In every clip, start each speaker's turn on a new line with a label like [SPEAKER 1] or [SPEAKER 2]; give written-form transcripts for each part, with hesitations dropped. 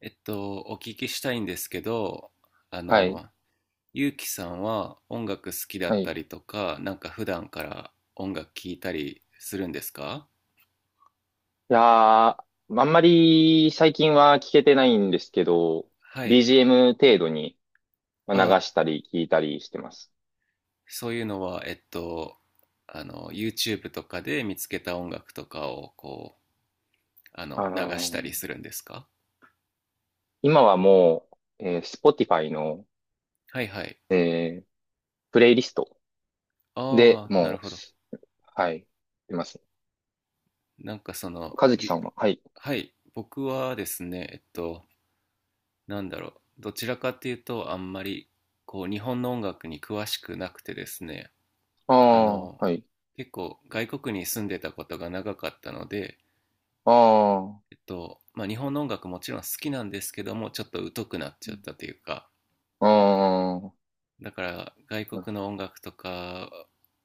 [SPEAKER 1] お聞きしたいんですけど、あ
[SPEAKER 2] はい。
[SPEAKER 1] の、ゆうきさんは音楽好きだ
[SPEAKER 2] は
[SPEAKER 1] っ
[SPEAKER 2] い。
[SPEAKER 1] たりとか、なんか普段から音楽聴いたりするんですか？
[SPEAKER 2] あんまり最近は聞けてないんですけど、
[SPEAKER 1] はい。
[SPEAKER 2] BGM 程度に
[SPEAKER 1] あ、
[SPEAKER 2] 流したり聞いたりしてます。
[SPEAKER 1] そういうのは、YouTube とかで見つけた音楽とかを、こう、
[SPEAKER 2] あ
[SPEAKER 1] 流したり
[SPEAKER 2] ー
[SPEAKER 1] するんですか？
[SPEAKER 2] 今はもう、Spotify の、
[SPEAKER 1] はいはい。
[SPEAKER 2] えープレイリストで
[SPEAKER 1] ああ、なる
[SPEAKER 2] もう、
[SPEAKER 1] ほど。
[SPEAKER 2] はい、出ます。
[SPEAKER 1] なんかその、
[SPEAKER 2] 和樹さんは、はい。
[SPEAKER 1] はい、僕はですね、なんだろう、どちらかっていうと、あんまり、こう、日本の音楽に詳しくなくてですね、
[SPEAKER 2] あ
[SPEAKER 1] あの、
[SPEAKER 2] あ、はい。
[SPEAKER 1] 結構、外国に住んでたことが長かったので、
[SPEAKER 2] あ
[SPEAKER 1] まあ、日本の音楽もちろん好きなんですけども、ちょっと疎くなっちゃったというか、
[SPEAKER 2] あ、ああ、
[SPEAKER 1] だから、外
[SPEAKER 2] なる
[SPEAKER 1] 国
[SPEAKER 2] ほ
[SPEAKER 1] の音楽とか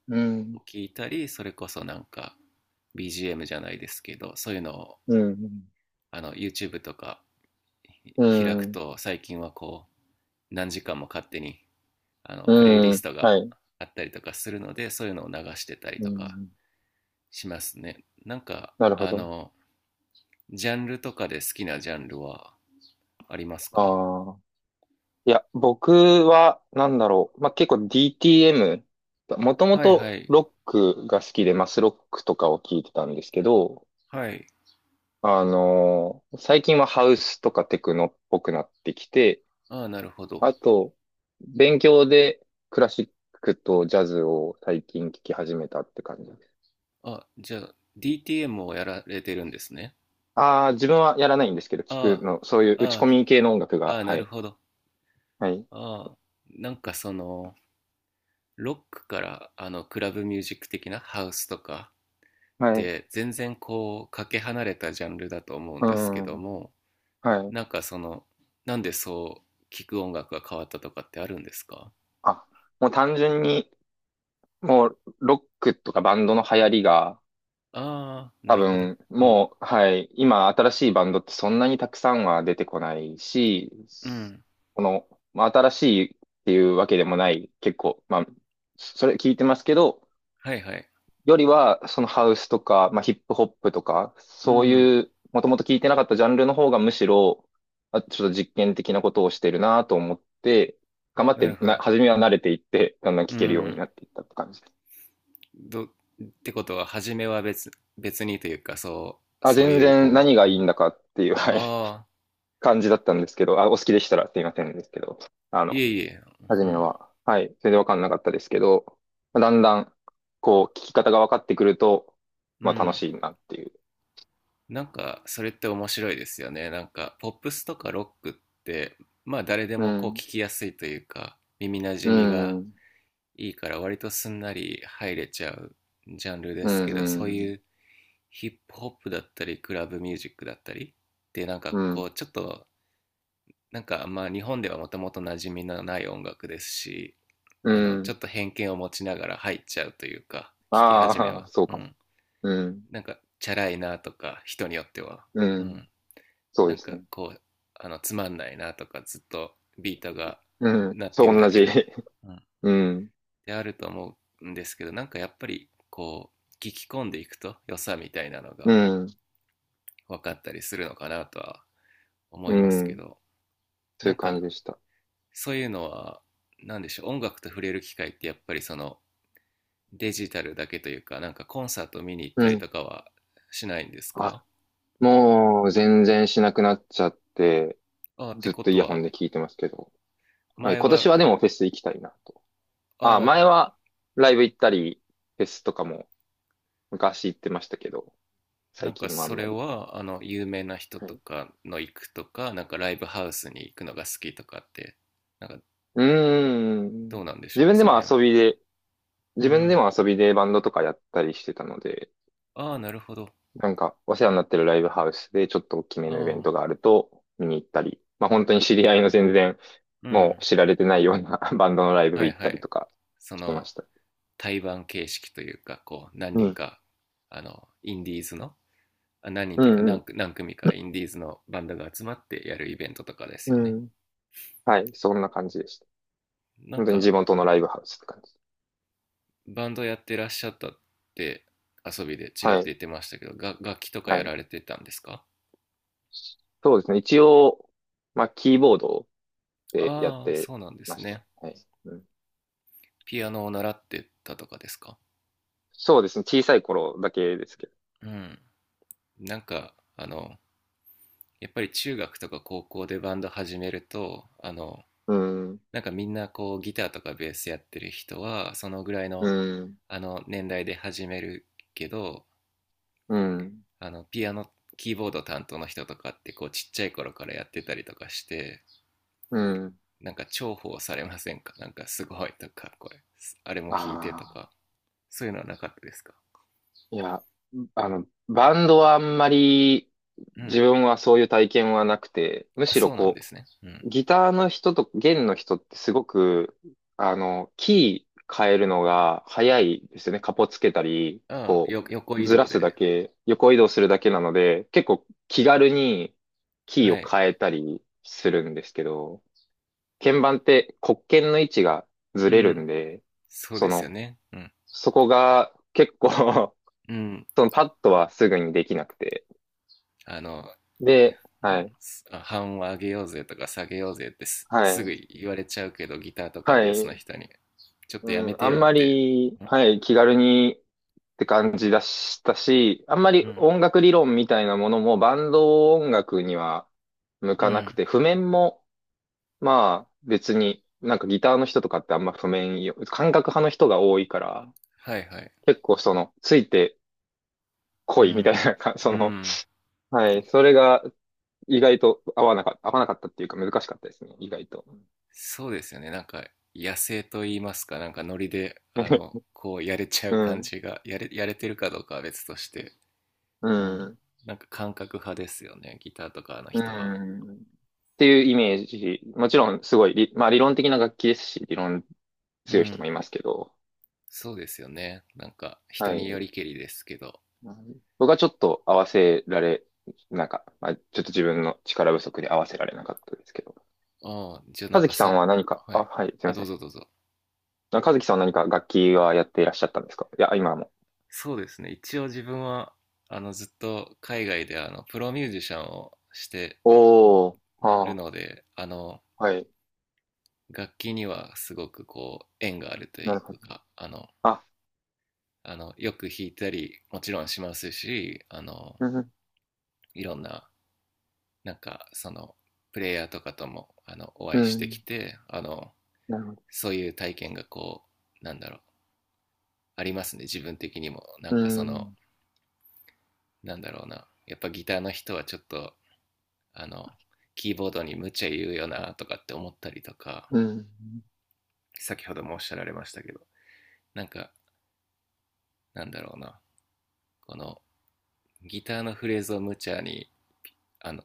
[SPEAKER 2] ど。う
[SPEAKER 1] を
[SPEAKER 2] ん、
[SPEAKER 1] 聞いたり、それこそなんか、BGM じゃないですけど、そういうのを、
[SPEAKER 2] うん、
[SPEAKER 1] YouTube とか
[SPEAKER 2] う
[SPEAKER 1] 開く
[SPEAKER 2] ん、
[SPEAKER 1] と、最近はこう、何時間も勝手にプレイリ
[SPEAKER 2] う
[SPEAKER 1] ス
[SPEAKER 2] ん、
[SPEAKER 1] ト
[SPEAKER 2] は
[SPEAKER 1] が
[SPEAKER 2] い。
[SPEAKER 1] あったりとかするので、そういうのを流してたり
[SPEAKER 2] う
[SPEAKER 1] とか
[SPEAKER 2] ん、
[SPEAKER 1] しますね。なんか、
[SPEAKER 2] なるほど。
[SPEAKER 1] ジャンルとかで好きなジャンルはありますか？
[SPEAKER 2] ああ。いや、僕は、なんだろう。まあ、結構 DTM、もとも
[SPEAKER 1] はいは
[SPEAKER 2] と
[SPEAKER 1] い。
[SPEAKER 2] ロックが好きで、マスロックとかを聞いてたんですけど、
[SPEAKER 1] はい。
[SPEAKER 2] 最近はハウスとかテクノっぽくなってきて、
[SPEAKER 1] ああ、なるほど。
[SPEAKER 2] あと、勉強でクラシックとジャズを最近聞き始めたって感じです。
[SPEAKER 1] あ、じゃあ、DTM をやられてるんですね。
[SPEAKER 2] ああ、自分はやらないんですけど、聞く
[SPEAKER 1] あ
[SPEAKER 2] の、そういう
[SPEAKER 1] あ、あ
[SPEAKER 2] 打ち込
[SPEAKER 1] あ、
[SPEAKER 2] み系の音楽
[SPEAKER 1] あ
[SPEAKER 2] が、
[SPEAKER 1] あ、な
[SPEAKER 2] は
[SPEAKER 1] る
[SPEAKER 2] い。
[SPEAKER 1] ほど。
[SPEAKER 2] はい。
[SPEAKER 1] ああ、なんかその、ロックから、クラブミュージック的なハウスとかっ
[SPEAKER 2] はい。
[SPEAKER 1] て、全然こう、かけ離れたジャンルだと思うん
[SPEAKER 2] う
[SPEAKER 1] ですけ
[SPEAKER 2] ん。
[SPEAKER 1] ども、
[SPEAKER 2] はい。
[SPEAKER 1] なんかその、なんでそう聞く音楽が変わったとかってあるんですか？
[SPEAKER 2] あ、もう単純に、もう、ロックとかバンドの流行りが、
[SPEAKER 1] ああー、な
[SPEAKER 2] 多
[SPEAKER 1] るほど。
[SPEAKER 2] 分、
[SPEAKER 1] うん。
[SPEAKER 2] もう、はい、今、新しいバンドってそんなにたくさんは出てこないし、
[SPEAKER 1] うん。
[SPEAKER 2] この、まあ、新しいっていうわけでもない、結構、まあ、それ聞いてますけど、
[SPEAKER 1] はいはい。
[SPEAKER 2] よりは、そのハウスとか、まあ、ヒップホップとか、
[SPEAKER 1] う
[SPEAKER 2] そう
[SPEAKER 1] ん。
[SPEAKER 2] いう、もともと聞いてなかったジャンルの方がむしろ、あ、ちょっと実験的なことをしてるなと思って、頑張っ
[SPEAKER 1] なる
[SPEAKER 2] て
[SPEAKER 1] ほ
[SPEAKER 2] な、
[SPEAKER 1] ど。
[SPEAKER 2] 初めは慣れていって、だんだん
[SPEAKER 1] う
[SPEAKER 2] 聞けるように
[SPEAKER 1] ん。
[SPEAKER 2] なっていったって感じです。
[SPEAKER 1] ってことは、初めは別にというか、そう、
[SPEAKER 2] あ、
[SPEAKER 1] そう
[SPEAKER 2] 全
[SPEAKER 1] いう
[SPEAKER 2] 然
[SPEAKER 1] こ
[SPEAKER 2] 何が
[SPEAKER 1] う、う
[SPEAKER 2] い
[SPEAKER 1] ん。
[SPEAKER 2] いんだかっていう、はい、
[SPEAKER 1] ああ、
[SPEAKER 2] 感じだったんですけど、あ、お好きでしたらすいませんですけど、あ
[SPEAKER 1] い
[SPEAKER 2] の、
[SPEAKER 1] えいえ、
[SPEAKER 2] 初
[SPEAKER 1] う
[SPEAKER 2] め
[SPEAKER 1] ん。
[SPEAKER 2] は、はい、全然わかんなかったですけど、まあだんだん、こう、聞き方が分かってくると、
[SPEAKER 1] う
[SPEAKER 2] まあ楽
[SPEAKER 1] ん。
[SPEAKER 2] しいなっていう。
[SPEAKER 1] なんか、それって面白いですよね。なんか、ポップスとかロックって、まあ誰で
[SPEAKER 2] う
[SPEAKER 1] もこう聞
[SPEAKER 2] ん、
[SPEAKER 1] きやすいというか、耳な
[SPEAKER 2] う
[SPEAKER 1] じみが
[SPEAKER 2] ん、
[SPEAKER 1] いいから割とすんなり入れちゃうジャンルで
[SPEAKER 2] う
[SPEAKER 1] す
[SPEAKER 2] ん、
[SPEAKER 1] けど、そう
[SPEAKER 2] う
[SPEAKER 1] い
[SPEAKER 2] ん、
[SPEAKER 1] うヒップホップだったり、クラブミュージックだったりでなん
[SPEAKER 2] う
[SPEAKER 1] かこ
[SPEAKER 2] ん、
[SPEAKER 1] う、ちょっと、なんかまあ日本ではもともと馴染みのない音楽ですし、
[SPEAKER 2] う
[SPEAKER 1] ちょ
[SPEAKER 2] ん。
[SPEAKER 1] っと偏見を持ちながら入っちゃうというか、聞き始め
[SPEAKER 2] ああ、
[SPEAKER 1] は。
[SPEAKER 2] そう
[SPEAKER 1] う
[SPEAKER 2] かも。
[SPEAKER 1] ん。
[SPEAKER 2] うん、
[SPEAKER 1] なんか、チャラいなとか、人によっては。
[SPEAKER 2] う
[SPEAKER 1] う
[SPEAKER 2] ん、
[SPEAKER 1] ん。
[SPEAKER 2] そう
[SPEAKER 1] な
[SPEAKER 2] で
[SPEAKER 1] ん
[SPEAKER 2] す
[SPEAKER 1] か
[SPEAKER 2] ね。
[SPEAKER 1] こう、つまんないなとか、ずっとビートが
[SPEAKER 2] うん、
[SPEAKER 1] 鳴って
[SPEAKER 2] そ
[SPEAKER 1] る
[SPEAKER 2] う、同
[SPEAKER 1] だけ
[SPEAKER 2] じ。
[SPEAKER 1] で。うん。
[SPEAKER 2] うん、
[SPEAKER 1] であると思うんですけど、なんかやっぱりこう聞き込んでいくと良さみたいなの
[SPEAKER 2] う
[SPEAKER 1] が
[SPEAKER 2] ん、
[SPEAKER 1] 分かったりするのかなとは思
[SPEAKER 2] う
[SPEAKER 1] いますけ
[SPEAKER 2] ん、
[SPEAKER 1] ど。
[SPEAKER 2] そう
[SPEAKER 1] な
[SPEAKER 2] いう
[SPEAKER 1] ん
[SPEAKER 2] 感じ
[SPEAKER 1] か
[SPEAKER 2] でした。
[SPEAKER 1] そういうのは何でしょう、音楽と触れる機会ってやっぱりそのデジタルだけというか、なんかコンサート見に行っ
[SPEAKER 2] う
[SPEAKER 1] たり
[SPEAKER 2] ん。
[SPEAKER 1] とかはしないんです
[SPEAKER 2] あ、
[SPEAKER 1] か？
[SPEAKER 2] もう全然しなくなっちゃって、
[SPEAKER 1] ああ、っ
[SPEAKER 2] ず
[SPEAKER 1] て
[SPEAKER 2] っ
[SPEAKER 1] こ
[SPEAKER 2] とイ
[SPEAKER 1] と
[SPEAKER 2] ヤホン
[SPEAKER 1] は
[SPEAKER 2] で聞いてますけど。はい、
[SPEAKER 1] 前
[SPEAKER 2] 今年
[SPEAKER 1] は？
[SPEAKER 2] はでもフェス行きたいなと。あ、
[SPEAKER 1] あ
[SPEAKER 2] 前
[SPEAKER 1] あ、
[SPEAKER 2] はライブ行ったり、フェスとかも昔行ってましたけど、
[SPEAKER 1] な
[SPEAKER 2] 最
[SPEAKER 1] んか
[SPEAKER 2] 近はあん
[SPEAKER 1] そ
[SPEAKER 2] ま
[SPEAKER 1] れ
[SPEAKER 2] り。
[SPEAKER 1] はあの有名な人
[SPEAKER 2] は
[SPEAKER 1] と
[SPEAKER 2] い、
[SPEAKER 1] かの行くとかなんかライブハウスに行くのが好きとかって、なんか
[SPEAKER 2] うー
[SPEAKER 1] どう
[SPEAKER 2] ん。
[SPEAKER 1] なんでしょ
[SPEAKER 2] 自
[SPEAKER 1] う
[SPEAKER 2] 分で
[SPEAKER 1] その
[SPEAKER 2] も
[SPEAKER 1] 辺、
[SPEAKER 2] 遊びで、
[SPEAKER 1] う
[SPEAKER 2] 自分で
[SPEAKER 1] ん。
[SPEAKER 2] も遊びでバンドとかやったりしてたので、
[SPEAKER 1] ああ、なるほど。
[SPEAKER 2] なんかお世話になってるライブハウスでちょっと大きめのイベン
[SPEAKER 1] ああ、
[SPEAKER 2] トがあると見に行ったり、まあ本当に知り合いの全然
[SPEAKER 1] う
[SPEAKER 2] もう
[SPEAKER 1] ん。
[SPEAKER 2] 知られてないような バンドのライ
[SPEAKER 1] は
[SPEAKER 2] ブ
[SPEAKER 1] い
[SPEAKER 2] 行っ
[SPEAKER 1] は
[SPEAKER 2] たり
[SPEAKER 1] い。
[SPEAKER 2] とか
[SPEAKER 1] そ
[SPEAKER 2] してま
[SPEAKER 1] の、
[SPEAKER 2] した。
[SPEAKER 1] 対バン形式というか、こう、何
[SPEAKER 2] う
[SPEAKER 1] 人
[SPEAKER 2] ん
[SPEAKER 1] か、インディーズの、あ、何人
[SPEAKER 2] う
[SPEAKER 1] というか
[SPEAKER 2] ん
[SPEAKER 1] 何
[SPEAKER 2] う
[SPEAKER 1] 組、何組かインディーズのバンドが集まってやるイベントとかです
[SPEAKER 2] ん。
[SPEAKER 1] よね。
[SPEAKER 2] うん。はい。そんな感じでした。
[SPEAKER 1] なん
[SPEAKER 2] 本当に地
[SPEAKER 1] か、
[SPEAKER 2] 元のライブハウスって感じ。
[SPEAKER 1] バンドやってらっしゃったって遊びでちらっ
[SPEAKER 2] は
[SPEAKER 1] と
[SPEAKER 2] い。
[SPEAKER 1] 言ってましたけど、楽器とか
[SPEAKER 2] は
[SPEAKER 1] や
[SPEAKER 2] い。
[SPEAKER 1] られてたんですか？
[SPEAKER 2] そうですね。一応、まあ、キーボードでやっ
[SPEAKER 1] ああ、
[SPEAKER 2] て
[SPEAKER 1] そうなんで
[SPEAKER 2] ま
[SPEAKER 1] す
[SPEAKER 2] した。
[SPEAKER 1] ね。
[SPEAKER 2] はい。うん、
[SPEAKER 1] ピアノを習ってたとかですか？
[SPEAKER 2] そうですね。小さい頃だけですけど。
[SPEAKER 1] うん。なんか、やっぱり中学とか高校でバンド始めると、
[SPEAKER 2] うん。
[SPEAKER 1] なんかみんなこうギターとかベースやってる人はそのぐらい
[SPEAKER 2] う
[SPEAKER 1] の
[SPEAKER 2] ん。
[SPEAKER 1] あの年代で始めるけど、
[SPEAKER 2] うん。
[SPEAKER 1] あのピアノ、キーボード担当の人とかってこうちっちゃい頃からやってたりとかして、
[SPEAKER 2] うん。
[SPEAKER 1] なんか重宝されませんか、なんかすごいとかこれあれも
[SPEAKER 2] あ
[SPEAKER 1] 弾いてと
[SPEAKER 2] あ。
[SPEAKER 1] か、そういうのはなかったですか？
[SPEAKER 2] いや、バンドはあんまり
[SPEAKER 1] う
[SPEAKER 2] 自
[SPEAKER 1] ん、
[SPEAKER 2] 分はそういう体験はなくて、む
[SPEAKER 1] あ、
[SPEAKER 2] しろ
[SPEAKER 1] そうなん
[SPEAKER 2] こ
[SPEAKER 1] ですね、うん。
[SPEAKER 2] う、ギターの人と弦の人ってすごく、キー変えるのが早いですよね。カポつけたり、
[SPEAKER 1] ああ、
[SPEAKER 2] こ
[SPEAKER 1] よ、横
[SPEAKER 2] う、
[SPEAKER 1] 移
[SPEAKER 2] ずら
[SPEAKER 1] 動
[SPEAKER 2] すだ
[SPEAKER 1] で、
[SPEAKER 2] け、横移動するだけなので、結構気軽にキー
[SPEAKER 1] は
[SPEAKER 2] を
[SPEAKER 1] い、
[SPEAKER 2] 変えたりするんですけど、鍵盤って黒鍵の位置がず
[SPEAKER 1] う
[SPEAKER 2] れる
[SPEAKER 1] ん、
[SPEAKER 2] んで、
[SPEAKER 1] そう
[SPEAKER 2] そ
[SPEAKER 1] ですよ
[SPEAKER 2] の、
[SPEAKER 1] ね、うん、
[SPEAKER 2] そこが結構
[SPEAKER 1] うん、
[SPEAKER 2] そのパッドはすぐにできなくて。
[SPEAKER 1] あの、
[SPEAKER 2] で、
[SPEAKER 1] う
[SPEAKER 2] はい、
[SPEAKER 1] ん、半音上げようぜとか下げようぜってす
[SPEAKER 2] は
[SPEAKER 1] すぐ
[SPEAKER 2] い、
[SPEAKER 1] 言われちゃうけど、ギターとか
[SPEAKER 2] は
[SPEAKER 1] ベースの
[SPEAKER 2] い、
[SPEAKER 1] 人に、ちょっとやめ
[SPEAKER 2] うん、
[SPEAKER 1] て
[SPEAKER 2] あん
[SPEAKER 1] よ
[SPEAKER 2] ま
[SPEAKER 1] って。
[SPEAKER 2] り、はい、気軽にって感じだしたし、あんま
[SPEAKER 1] う
[SPEAKER 2] り
[SPEAKER 1] ん。
[SPEAKER 2] 音楽理論みたいなものもバンド音楽には向
[SPEAKER 1] う
[SPEAKER 2] かなく
[SPEAKER 1] ん。
[SPEAKER 2] て、譜面も、まあ別に、ギターの人とかってあんま譜面よ、感覚派の人が多いから、
[SPEAKER 1] はいはい。
[SPEAKER 2] 結構その、ついてこ
[SPEAKER 1] う
[SPEAKER 2] いみたい
[SPEAKER 1] ん。
[SPEAKER 2] なか、
[SPEAKER 1] う
[SPEAKER 2] その、
[SPEAKER 1] ん。
[SPEAKER 2] はい、それが意外と合わなか、合わなかったっていうか難しかったですね、意外と。
[SPEAKER 1] そうですよね。なんか、野生と言いますか、なんかノリで、こうやれちゃ
[SPEAKER 2] う
[SPEAKER 1] う感
[SPEAKER 2] ん。
[SPEAKER 1] じが、やれてるかどうかは別として、
[SPEAKER 2] う
[SPEAKER 1] うん。
[SPEAKER 2] ん。
[SPEAKER 1] なんか感覚派ですよね、ギターとかの
[SPEAKER 2] う
[SPEAKER 1] 人は。
[SPEAKER 2] ん。っていうイメージ。もちろん、すごい理、まあ理論的な楽器ですし、理論
[SPEAKER 1] う
[SPEAKER 2] 強い人も
[SPEAKER 1] ん。
[SPEAKER 2] いますけど、
[SPEAKER 1] そうですよね。なんか、
[SPEAKER 2] は
[SPEAKER 1] 人によ
[SPEAKER 2] い。
[SPEAKER 1] りけりですけど。
[SPEAKER 2] 僕はちょっと合わせられ、なんか、まあ、ちょっと自分の力不足で合わせられなかったですけど。
[SPEAKER 1] ああ、じゃあな
[SPEAKER 2] 和
[SPEAKER 1] んか
[SPEAKER 2] 樹さんは何か、
[SPEAKER 1] は
[SPEAKER 2] あ、
[SPEAKER 1] い。
[SPEAKER 2] はい、すいま
[SPEAKER 1] あ、ど
[SPEAKER 2] せ
[SPEAKER 1] う
[SPEAKER 2] ん。
[SPEAKER 1] ぞどうぞ。
[SPEAKER 2] あ、和樹さんは何か楽器はやっていらっしゃったんですか？いや、今も。
[SPEAKER 1] そうですね。一応自分は、ずっと海外で、プロミュージシャンをして
[SPEAKER 2] おー、
[SPEAKER 1] る
[SPEAKER 2] は、
[SPEAKER 1] ので、
[SPEAKER 2] あ、はい。
[SPEAKER 1] 楽器にはすごくこう、縁があると
[SPEAKER 2] な
[SPEAKER 1] い
[SPEAKER 2] るほ
[SPEAKER 1] う
[SPEAKER 2] ど。
[SPEAKER 1] か、
[SPEAKER 2] あ、
[SPEAKER 1] よく弾いたり、もちろんしますし、
[SPEAKER 2] うん、
[SPEAKER 1] いろんな、なんか、その、プレイヤーとかとも、お
[SPEAKER 2] う
[SPEAKER 1] 会いしてき
[SPEAKER 2] ん、
[SPEAKER 1] て、
[SPEAKER 2] なるほど。
[SPEAKER 1] そういう体験がこう、なんだろう、ありますね。自分的にも。な
[SPEAKER 2] う
[SPEAKER 1] んかその、
[SPEAKER 2] ん、
[SPEAKER 1] なんだろうな、やっぱギターの人はちょっとあのキーボードに無茶言うよなとかって思ったりとか、
[SPEAKER 2] うん、
[SPEAKER 1] 先ほどもおっしゃられましたけど、なんかなんだろうな、このギターのフレーズを無茶に、あの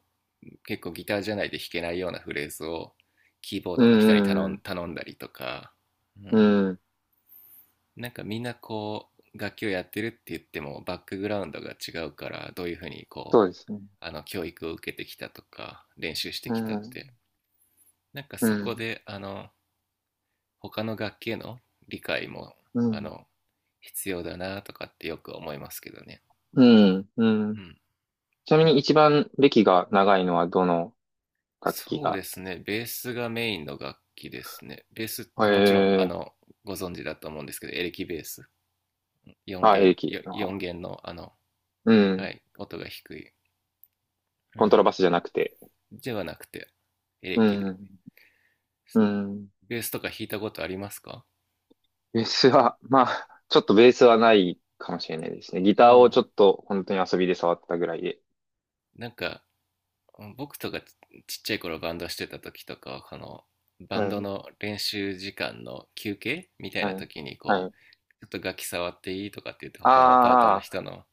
[SPEAKER 1] 結構ギターじゃないで弾けないようなフレーズをキーボー
[SPEAKER 2] う
[SPEAKER 1] ドの人に頼
[SPEAKER 2] ん、う
[SPEAKER 1] ん
[SPEAKER 2] ん、
[SPEAKER 1] 頼んだりとか、う
[SPEAKER 2] う
[SPEAKER 1] ん、
[SPEAKER 2] ん。
[SPEAKER 1] なんかみんなこう楽器をやってるって言ってもバックグラウンドが違うから、どういうふうにこ
[SPEAKER 2] そうで
[SPEAKER 1] う
[SPEAKER 2] すね。
[SPEAKER 1] あの教育を受けてきたとか練習して
[SPEAKER 2] う
[SPEAKER 1] きたって、
[SPEAKER 2] ん、
[SPEAKER 1] なんか
[SPEAKER 2] う
[SPEAKER 1] そこ
[SPEAKER 2] ん、
[SPEAKER 1] で、他の楽器への理解も、
[SPEAKER 2] う
[SPEAKER 1] あ
[SPEAKER 2] ん、
[SPEAKER 1] の、必要だなとかってよく思いますけどね。
[SPEAKER 2] うん、う
[SPEAKER 1] う
[SPEAKER 2] ん。
[SPEAKER 1] ん。
[SPEAKER 2] ちなみに一番歴が長いのはどの楽器
[SPEAKER 1] そうで
[SPEAKER 2] が？
[SPEAKER 1] すね。ベースがメインの楽器ですね。ベースってもちろん、
[SPEAKER 2] ええ、
[SPEAKER 1] ご存知だと思うんですけど、エレキベース。
[SPEAKER 2] あ、エレ
[SPEAKER 1] 4弦、
[SPEAKER 2] キの方。
[SPEAKER 1] 4弦の、
[SPEAKER 2] う
[SPEAKER 1] は
[SPEAKER 2] ん。
[SPEAKER 1] い、音が低い。う
[SPEAKER 2] コントラ
[SPEAKER 1] ん。
[SPEAKER 2] バスじゃなくて。
[SPEAKER 1] ではなくて、エレ
[SPEAKER 2] う
[SPEAKER 1] キで。
[SPEAKER 2] ん、うん。
[SPEAKER 1] ベースとか弾いたことありますか？
[SPEAKER 2] ベースは、まあ、ちょっとベースはないかもしれないですね。ギ
[SPEAKER 1] う
[SPEAKER 2] ターを
[SPEAKER 1] ん。
[SPEAKER 2] ちょっと本当に遊びで触ったぐらいで。
[SPEAKER 1] なんか、僕とかちっちゃい頃バンドしてた時とか、このバン
[SPEAKER 2] は
[SPEAKER 1] ド
[SPEAKER 2] い、
[SPEAKER 1] の練習時間の休憩みたいな
[SPEAKER 2] はい、
[SPEAKER 1] 時に
[SPEAKER 2] は
[SPEAKER 1] こ
[SPEAKER 2] い。
[SPEAKER 1] うちょっと楽器触っていいとかって言って、他のパートの
[SPEAKER 2] ああ、
[SPEAKER 1] 人の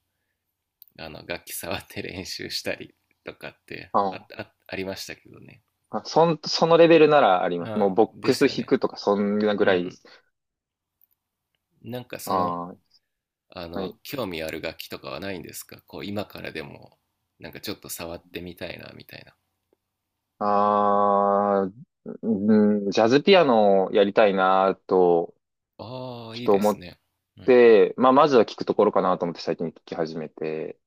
[SPEAKER 1] あの楽器触って練習したりとかって、あ
[SPEAKER 2] あ、
[SPEAKER 1] あ、ありましたけどね。
[SPEAKER 2] あ、そのレベルならあります。も
[SPEAKER 1] あ、
[SPEAKER 2] うボッ
[SPEAKER 1] で
[SPEAKER 2] ク
[SPEAKER 1] す
[SPEAKER 2] ス
[SPEAKER 1] よ
[SPEAKER 2] 弾
[SPEAKER 1] ね、
[SPEAKER 2] くとかそんなぐ
[SPEAKER 1] う
[SPEAKER 2] らいで
[SPEAKER 1] ん。
[SPEAKER 2] す。
[SPEAKER 1] なんかその、
[SPEAKER 2] ああ、はい。
[SPEAKER 1] 興味ある楽器とかはないんですか、こう今からでも、なんかちょっと触ってみたいなみたいな。
[SPEAKER 2] あ、うん、ジャズピアノをやりたいなと、
[SPEAKER 1] ああ、
[SPEAKER 2] ちょっ
[SPEAKER 1] いい
[SPEAKER 2] と
[SPEAKER 1] で
[SPEAKER 2] 思
[SPEAKER 1] す
[SPEAKER 2] っ
[SPEAKER 1] ね、うん。
[SPEAKER 2] て、まあ、まずは聞くところかなと思って最近聞き始めて、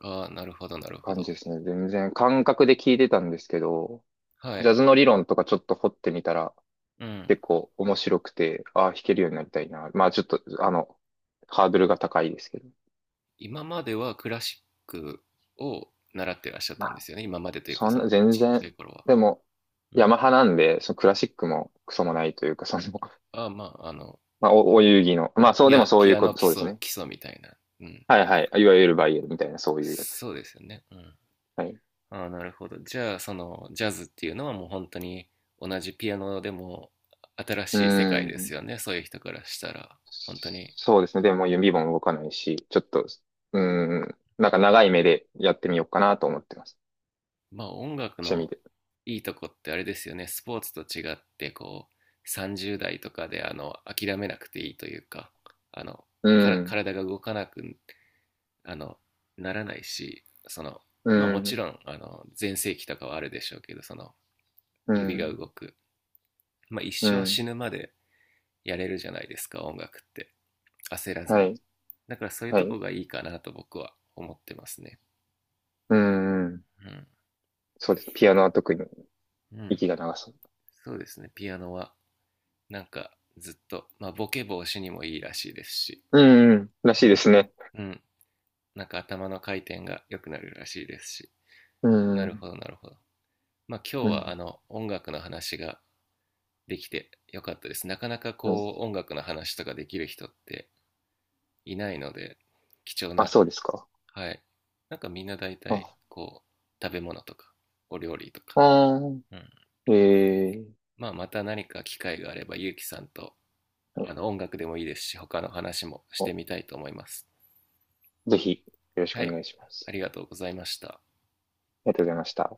[SPEAKER 1] ああ、なるほど、なるほ
[SPEAKER 2] 感じ
[SPEAKER 1] ど。
[SPEAKER 2] ですね。全然感覚で聞いてたんですけど、
[SPEAKER 1] は
[SPEAKER 2] ジャ
[SPEAKER 1] い、
[SPEAKER 2] ズの理論とかちょっと掘ってみたら、
[SPEAKER 1] うん。
[SPEAKER 2] 結構面白くて、ああ、弾けるようになりたいな。まあ、ちょっと、ハードルが高いですけど。
[SPEAKER 1] 今まではクラシックを習ってらっしゃっ
[SPEAKER 2] ま
[SPEAKER 1] たんで
[SPEAKER 2] あ、
[SPEAKER 1] すよね。今までというか、
[SPEAKER 2] そん
[SPEAKER 1] そ
[SPEAKER 2] な、
[SPEAKER 1] の
[SPEAKER 2] 全
[SPEAKER 1] ちっち
[SPEAKER 2] 然、
[SPEAKER 1] ゃい頃は。
[SPEAKER 2] でも、
[SPEAKER 1] う
[SPEAKER 2] ヤ
[SPEAKER 1] ん。
[SPEAKER 2] マハなんで、そのクラシックもクソもないというか、その、
[SPEAKER 1] あ、まあ、
[SPEAKER 2] まあ、お遊戯の、まあ、そう
[SPEAKER 1] ピ
[SPEAKER 2] でも
[SPEAKER 1] ア、
[SPEAKER 2] そうい
[SPEAKER 1] ピ
[SPEAKER 2] う
[SPEAKER 1] ア
[SPEAKER 2] こ
[SPEAKER 1] ノ
[SPEAKER 2] と、
[SPEAKER 1] 基
[SPEAKER 2] そうです
[SPEAKER 1] 礎、
[SPEAKER 2] ね。
[SPEAKER 1] 基礎みたいな。うん。
[SPEAKER 2] はいはい。いわゆるバイエルみたいな、そういうやつ。
[SPEAKER 1] そうですよね。うん。
[SPEAKER 2] はい。
[SPEAKER 1] ああ、なるほど。じゃあ、その、ジャズっていうのはもう本当に同じピアノでも新
[SPEAKER 2] う
[SPEAKER 1] しい世
[SPEAKER 2] ー
[SPEAKER 1] 界です
[SPEAKER 2] ん。
[SPEAKER 1] よね。そういう人からしたら。本当に。
[SPEAKER 2] そうですね。でも指も動かないし、ちょっと、うーん。なんか長い目でやってみようかなと思ってます。
[SPEAKER 1] まあ音楽
[SPEAKER 2] 趣味
[SPEAKER 1] の
[SPEAKER 2] で。
[SPEAKER 1] いいとこってあれですよね。スポーツと違ってこう30代とかで諦めなくていいというか、あの
[SPEAKER 2] う
[SPEAKER 1] から
[SPEAKER 2] ん。
[SPEAKER 1] 体が動かなく、あのならないし、その
[SPEAKER 2] う
[SPEAKER 1] まあもち
[SPEAKER 2] ん。
[SPEAKER 1] ろん全盛期とかはあるでしょうけど、その
[SPEAKER 2] う
[SPEAKER 1] 指が
[SPEAKER 2] ん。
[SPEAKER 1] 動く、まあ一
[SPEAKER 2] う
[SPEAKER 1] 生死
[SPEAKER 2] ん。
[SPEAKER 1] ぬまでやれるじゃないですか、音楽って焦らず
[SPEAKER 2] は
[SPEAKER 1] に。
[SPEAKER 2] い。
[SPEAKER 1] だからそういう
[SPEAKER 2] は
[SPEAKER 1] と
[SPEAKER 2] い。
[SPEAKER 1] こがいいかなと僕は思ってますね。
[SPEAKER 2] うん。そうです。ピアノは特に
[SPEAKER 1] うん、うん、
[SPEAKER 2] 息が長そ
[SPEAKER 1] そうですね。ピアノはなんかずっと、まあ、ボケ防止にもいいらしいですし、
[SPEAKER 2] う。うん。らし
[SPEAKER 1] う
[SPEAKER 2] いで
[SPEAKER 1] ん、
[SPEAKER 2] すね。
[SPEAKER 1] うん、なんか頭の回転が良くなるらしいですし、
[SPEAKER 2] う
[SPEAKER 1] なる
[SPEAKER 2] ん。
[SPEAKER 1] ほど、なるほど。まあ、今日
[SPEAKER 2] う
[SPEAKER 1] はあ
[SPEAKER 2] ん。
[SPEAKER 1] の音楽の話ができてよかったです。なかなか
[SPEAKER 2] はい。
[SPEAKER 1] こう音楽の話とかできる人っていないので、貴重
[SPEAKER 2] あ、
[SPEAKER 1] な、
[SPEAKER 2] そうですか。
[SPEAKER 1] はい。なんかみんな大体
[SPEAKER 2] あ、
[SPEAKER 1] こう食べ物とかお料理とか、
[SPEAKER 2] あー、
[SPEAKER 1] うん、
[SPEAKER 2] えー、
[SPEAKER 1] まあまた何か機会があればゆうきさんと
[SPEAKER 2] はい、
[SPEAKER 1] あの音楽でもいいですし他の話もし
[SPEAKER 2] お、
[SPEAKER 1] てみたいと思います。
[SPEAKER 2] ぜひ、よろしく
[SPEAKER 1] は
[SPEAKER 2] お
[SPEAKER 1] い、
[SPEAKER 2] 願いしま
[SPEAKER 1] あ
[SPEAKER 2] す。
[SPEAKER 1] りがとうございました。
[SPEAKER 2] ありがとうございました。